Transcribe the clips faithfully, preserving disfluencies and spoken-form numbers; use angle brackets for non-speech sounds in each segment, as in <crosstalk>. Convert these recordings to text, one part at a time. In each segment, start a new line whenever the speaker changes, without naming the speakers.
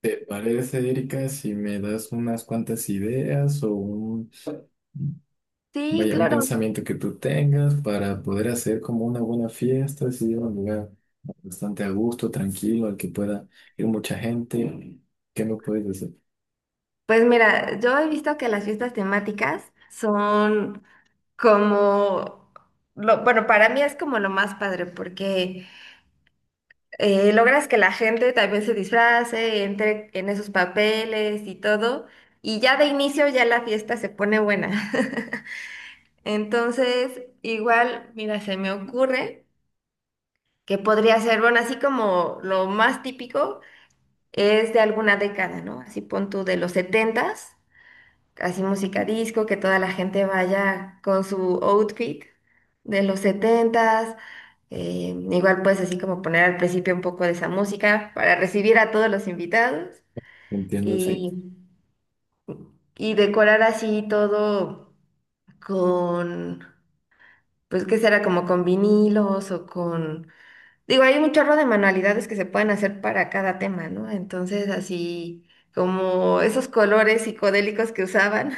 ¿Te parece, Erika, si me das unas cuantas ideas o un,
Sí,
vaya, un
claro.
pensamiento que tú tengas para poder hacer como una buena fiesta, si un lugar bastante a gusto, tranquilo, al que pueda ir mucha gente? ¿Qué me puedes decir?
Pues mira, yo he visto que las fiestas temáticas son como, lo, bueno, para mí es como lo más padre porque eh, logras que la gente también se disfrace, entre en esos papeles y todo, y ya de inicio ya la fiesta se pone buena. <laughs> Entonces, igual, mira, se me ocurre que podría ser, bueno, así como lo más típico es de alguna década, ¿no? Así pon tú de los setentas, así música disco, que toda la gente vaya con su outfit de los setentas. Eh, igual pues así como poner al principio un poco de esa música para recibir a todos los invitados
Entiendo, sí.
y, y decorar así todo con, pues qué será, como con vinilos o con... Digo, hay un chorro de manualidades que se pueden hacer para cada tema, ¿no? Entonces así como esos colores psicodélicos que usaban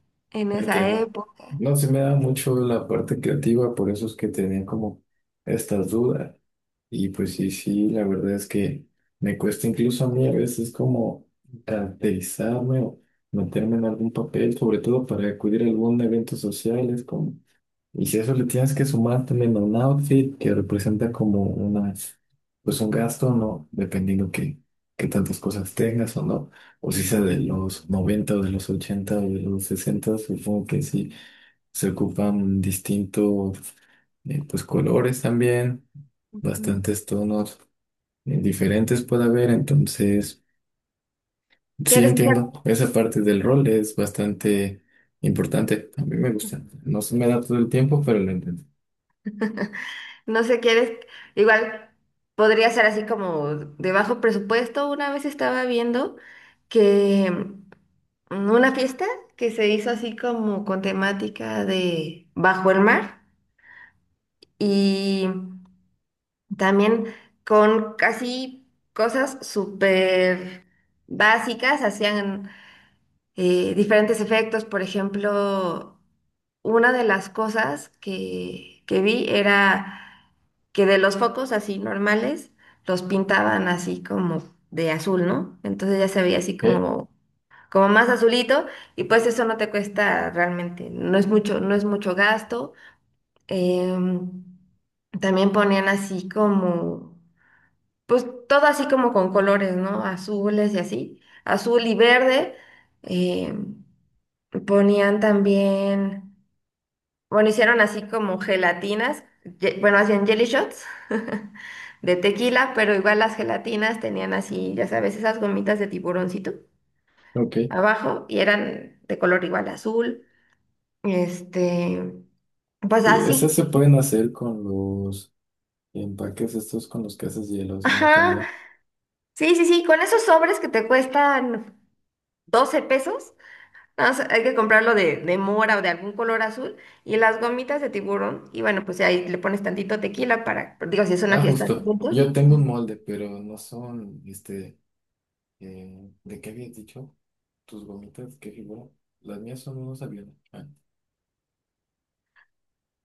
<laughs> en esa
Entiendo.
época.
No se me da mucho la parte creativa, por eso es que tenía como estas dudas. Y pues sí, sí, la verdad es que me cuesta incluso a mí a veces como caracterizarme o meterme en algún papel, sobre todo para acudir a algún evento social, es como y si a eso le tienes que sumar también a un outfit que representa como una, pues un gasto, ¿no? Dependiendo que, que tantas cosas tengas o no. O si sea de los noventa o de los ochenta o de los sesenta, supongo que sí. Se ocupan distintos, eh, pues colores también, bastantes tonos eh, diferentes puede haber. Entonces, sí
¿Quieres que
entiendo, esa parte del rol es bastante importante. A mí me gusta. No se me da todo el tiempo, pero lo entiendo.
No sé, quieres, igual podría ser así como de bajo presupuesto. Una vez estaba viendo que mm, una fiesta que se hizo así como con temática de bajo el mar y también con casi cosas súper básicas, hacían eh, diferentes efectos. Por ejemplo, una de las cosas que, que vi era que de los focos así normales los pintaban así como de azul, ¿no? Entonces ya se veía así
Ok,
como, como más azulito y pues eso no te cuesta realmente, no es mucho, no es mucho gasto. Em, También ponían así como, pues todo así como con colores, ¿no? Azules y así, azul y verde. Em, Ponían también... Bueno, hicieron así como gelatinas, ye- bueno, hacían jelly shots <laughs> de tequila, pero igual las gelatinas tenían así, ya sabes, esas gomitas de tiburoncito
ok.
abajo y eran de color igual azul. Este, pues
Sí, esas
así.
se pueden hacer con los empaques estos con los que haces hielos, ¿no?
Ajá.
También.
Sí, sí, sí, con esos sobres que te cuestan doce pesos, nada más hay que comprarlo de, de mora o de algún color azul y las gomitas de tiburón. Y bueno, pues ahí le pones tantito tequila para, digo, si es una
Ah,
fiesta de
justo.
adultos.
Yo tengo un molde, pero no son, este, eh, ¿de qué habías dicho? ¿Tus gomitas? ¿Qué figura? Las mías son unos aviones. Ah,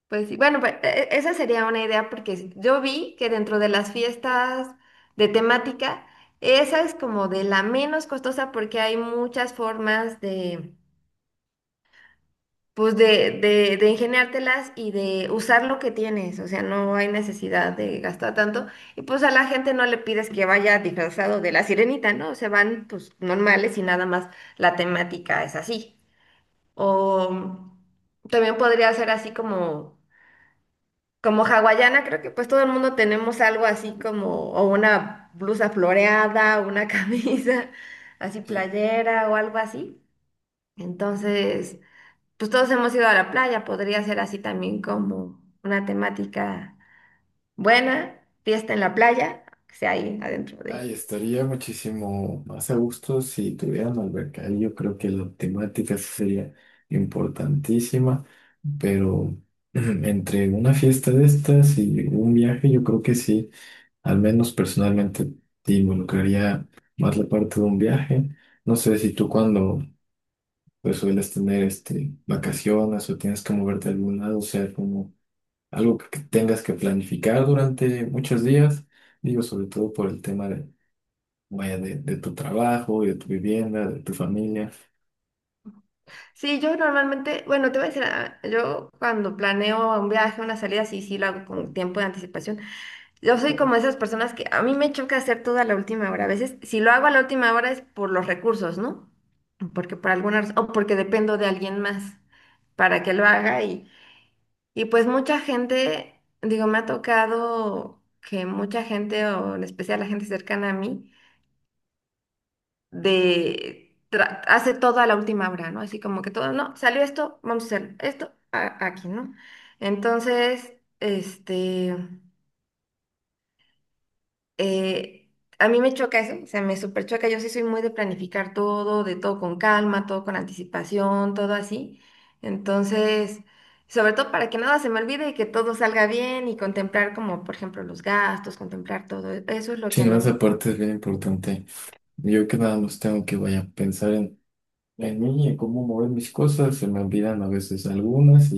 Pues sí, bueno, pues e- e-, esa sería una idea porque yo vi que dentro de las fiestas de temática, esa es como de la menos costosa porque hay muchas formas de, pues de, de, de ingeniártelas y de usar lo que tienes, o sea, no hay necesidad de gastar tanto. Y pues a la gente no le pides que vaya disfrazado de la sirenita, ¿no? Se van pues normales y nada más la temática es así. O también podría ser así como... Como hawaiana, creo que pues todo el mundo tenemos algo así como, o una blusa floreada, una <laughs> camisa así
sí.
playera o algo así. Entonces, pues todos hemos ido a la playa, podría ser así también como una temática buena, fiesta en la playa, que sea ahí adentro de...
Ay, estaría muchísimo más a gusto si tuvieran alberca. Ahí yo creo que la temática sí sería importantísima, pero <clears throat> entre una fiesta de estas y un viaje, yo creo que sí. Al menos personalmente te involucraría más la parte de un viaje. No sé si tú cuando pues, sueles tener este, vacaciones o tienes que moverte a algún lado, o sea, como algo que que tengas que planificar durante muchos días, digo, sobre todo por el tema de, vaya, de, de tu trabajo, y de tu vivienda, de tu familia.
Sí, yo normalmente, bueno, te voy a decir, ah, yo cuando planeo un viaje, una salida, sí, sí lo hago con tiempo de anticipación. Yo soy como esas personas que a mí me choca hacer todo a la última hora. A veces, si lo hago a la última hora es por los recursos, ¿no? Porque por alguna razón, o porque dependo de alguien más para que lo haga. Y, y pues mucha gente, digo, me ha tocado que mucha gente, o en especial la gente cercana a mí, de tra- hace todo a la última hora, ¿no? Así como que todo, no, salió esto, vamos a hacer esto a- aquí, ¿no? Entonces, este. eh, a mí me choca eso, o sea, me súper choca. Yo sí soy muy de planificar todo, de todo con calma, todo con anticipación, todo así. Entonces, sobre todo para que nada se me olvide y que todo salga bien y contemplar como, por ejemplo, los gastos, contemplar todo. Eso es lo
Sí,
que a
no,
mí me
esa
gusta.
parte es bien importante. Yo que nada más tengo que, vaya, pensar en, en mí, en cómo mover mis cosas, se me olvidan a veces algunas.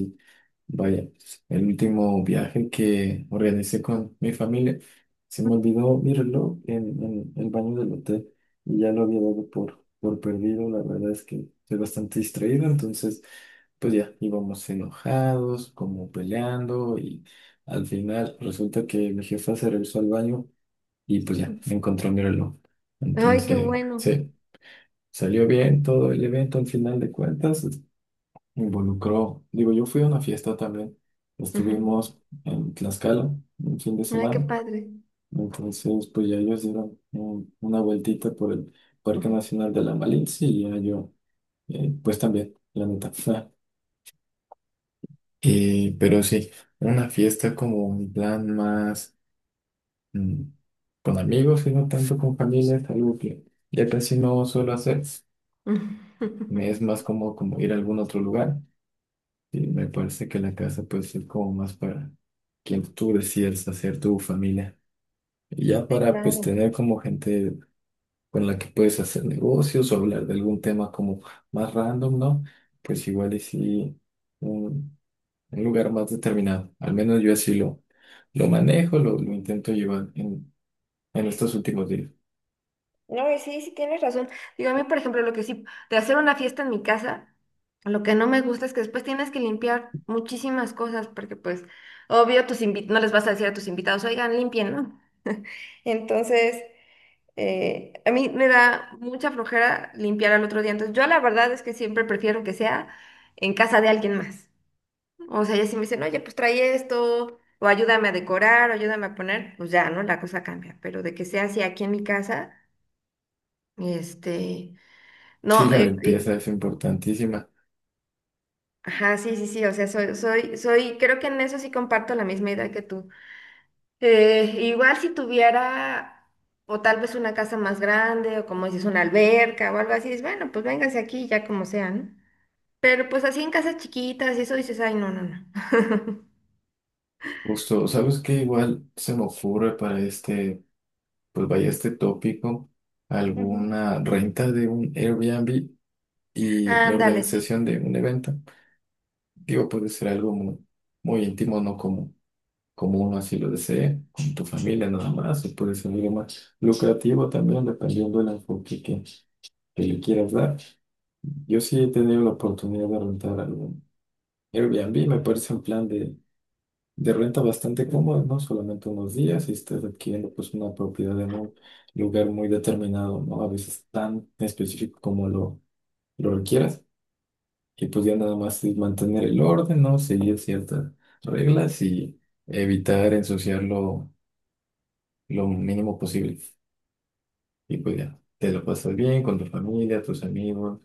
Vaya, pues, el último viaje que organicé con mi familia, se me olvidó mi reloj en, en el baño del hotel y ya lo había dado por, por perdido. La verdad es que estoy bastante distraído, entonces pues ya íbamos enojados, como peleando y al final resulta que mi jefa se regresó al baño y pues ya encontró mi reloj.
Ay, qué
Entonces,
bueno.
sí, salió bien todo el evento al final de cuentas, me involucró. Digo, yo fui a una fiesta también.
Ujú.
Estuvimos en Tlaxcala un fin de
Ay, qué
semana.
padre.
Entonces, pues ya ellos dieron un- una vueltita por el Parque
Ujú.
Nacional de la Malinche y ya yo, eh, pues también, la neta. <laughs> Eh, pero sí, una fiesta como un plan más mm, con amigos y no tanto con familia, es algo que ya casi no suelo hacer. Me es más
<laughs>
como, como ir a algún otro lugar. Sí, me parece que la casa puede ser como más para quien tú decidas hacer tu familia. Y ya
Sí,
para pues
claro.
tener como gente con la que puedes hacer negocios o hablar de algún tema como más random, ¿no? Pues igual y sí un, un lugar más determinado. Al menos yo así lo, lo manejo, lo, lo intento llevar en, en estos últimos días.
No, y sí, sí tienes razón. Digo, a mí, por ejemplo, lo que sí, de hacer una fiesta en mi casa, lo que no me gusta es que después tienes que limpiar muchísimas cosas, porque pues, obvio, tus invi- no les vas a decir a tus invitados, oigan, limpien, ¿no? Entonces, eh, a mí me da mucha flojera limpiar al otro día. Entonces, yo la verdad es que siempre prefiero que sea en casa de alguien más. O sea, ya si me dicen, oye, pues trae esto, o ayúdame a decorar, o ayúdame a poner, pues ya, ¿no? La cosa cambia. Pero de que sea así aquí en mi casa. Este,
Sí,
no,
la
eh,
limpieza
eh,
es importantísima.
ajá, sí, sí, sí, o sea, soy, soy, soy, creo que en eso sí comparto la misma idea que tú. Eh, igual si tuviera, o tal vez una casa más grande, o como dices, una alberca o algo así, dices, bueno, pues véngase aquí, ya como sea, ¿no? Pero pues así en casas chiquitas y eso dices, ay, no, no, no.
Justo, ¿sabes qué? Igual se me ocurre para este pues vaya este tópico,
Ujú.
alguna renta de un Airbnb y la
Ándale, sí.
organización de un evento. Digo, puede ser algo muy, muy íntimo, no como, como uno así lo desee, con tu familia nada más, o puede ser algo más lucrativo también, dependiendo del enfoque que, que le quieras dar. Yo sí he tenido la oportunidad de rentar algún Airbnb, me parece un plan de de renta bastante cómoda, ¿no? Solamente unos días y estás adquiriendo pues una propiedad en un lugar muy determinado, ¿no? A veces tan específico como lo, lo requieras. Y pues ya nada más es mantener el orden, ¿no? Seguir ciertas reglas y evitar ensuciarlo lo mínimo posible. Y pues ya, te lo pasas bien con tu familia, tus amigos,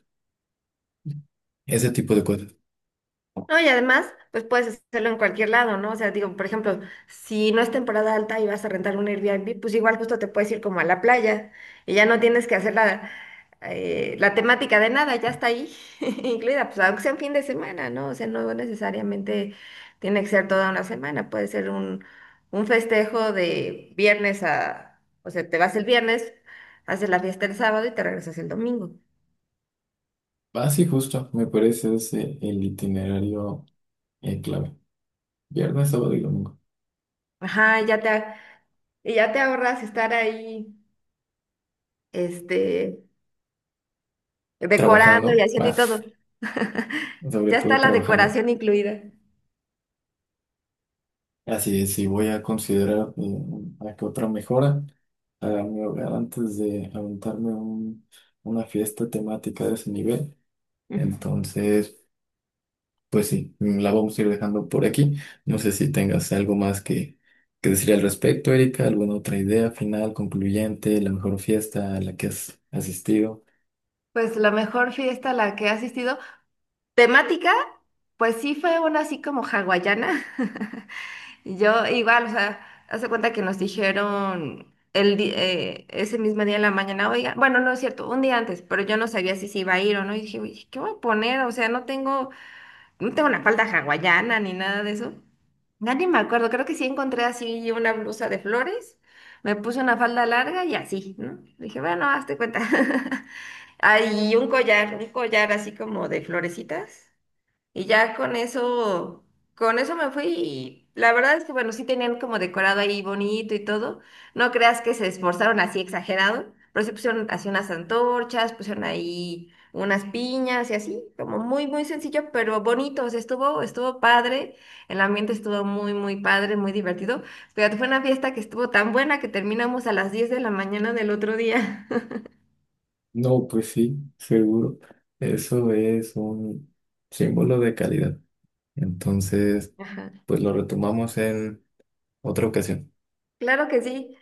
ese tipo de cosas.
No, y además, pues puedes hacerlo en cualquier lado, ¿no? O sea, digo, por ejemplo, si no es temporada alta y vas a rentar un Airbnb, pues igual justo te puedes ir como a la playa y ya no tienes que hacer la, eh, la temática de nada, ya está ahí <laughs> incluida, pues aunque sea un fin de semana, ¿no? O sea, no necesariamente tiene que ser toda una semana, puede ser un, un festejo de viernes a, o sea, te vas el viernes, haces la fiesta el sábado y te regresas el domingo.
Así justo, me parece ese el itinerario eh, clave. Viernes, sábado y domingo.
Ajá, ya te, y ya te ahorras estar ahí, este decorando y
Trabajando.
haciendo y todo.
Más.
<laughs>
Sobre
Ya está
todo
la
trabajando.
decoración incluida.
Así es, sí voy a considerar eh, a que otra mejora a mi hogar antes de aventarme un- una fiesta temática de ese nivel.
Ujú.
Entonces, pues sí, la vamos a ir dejando por aquí. No sé si tengas algo más que, que decir al respecto, Erika, alguna otra idea final, concluyente, la mejor fiesta a la que has asistido.
Pues la mejor fiesta a la que he asistido. Temática, pues sí fue una así como hawaiana. <laughs> Yo igual, o sea, hace cuenta que nos dijeron el di- eh, ese mismo día en la mañana, oiga, bueno, no es cierto, un día antes, pero yo no sabía si se iba a ir o no. Y dije, "Uy, ¿qué voy a poner? O sea, no tengo no tengo una falda hawaiana ni nada de eso. Ya ni me acuerdo, creo que sí encontré así una blusa de flores, me puse una falda larga y así, ¿no? Dije, bueno, hazte cuenta. <laughs> Ah, y un collar, un collar así como de florecitas. Y ya con eso, con eso me fui y la verdad es que, bueno, sí tenían como decorado ahí bonito y todo. No creas que se esforzaron así exagerado, pero sí pusieron así unas antorchas, pusieron ahí unas piñas y así, como muy, muy sencillo, pero bonito. O sea, estuvo, estuvo padre, el ambiente estuvo muy, muy padre, muy divertido. Fíjate, fue una fiesta que estuvo tan buena que terminamos a las diez de la mañana del otro día.
No, pues sí, seguro. Eso es un símbolo de calidad. Entonces...
<laughs> Ajá.
pues lo retomamos en otra ocasión.
Claro que sí.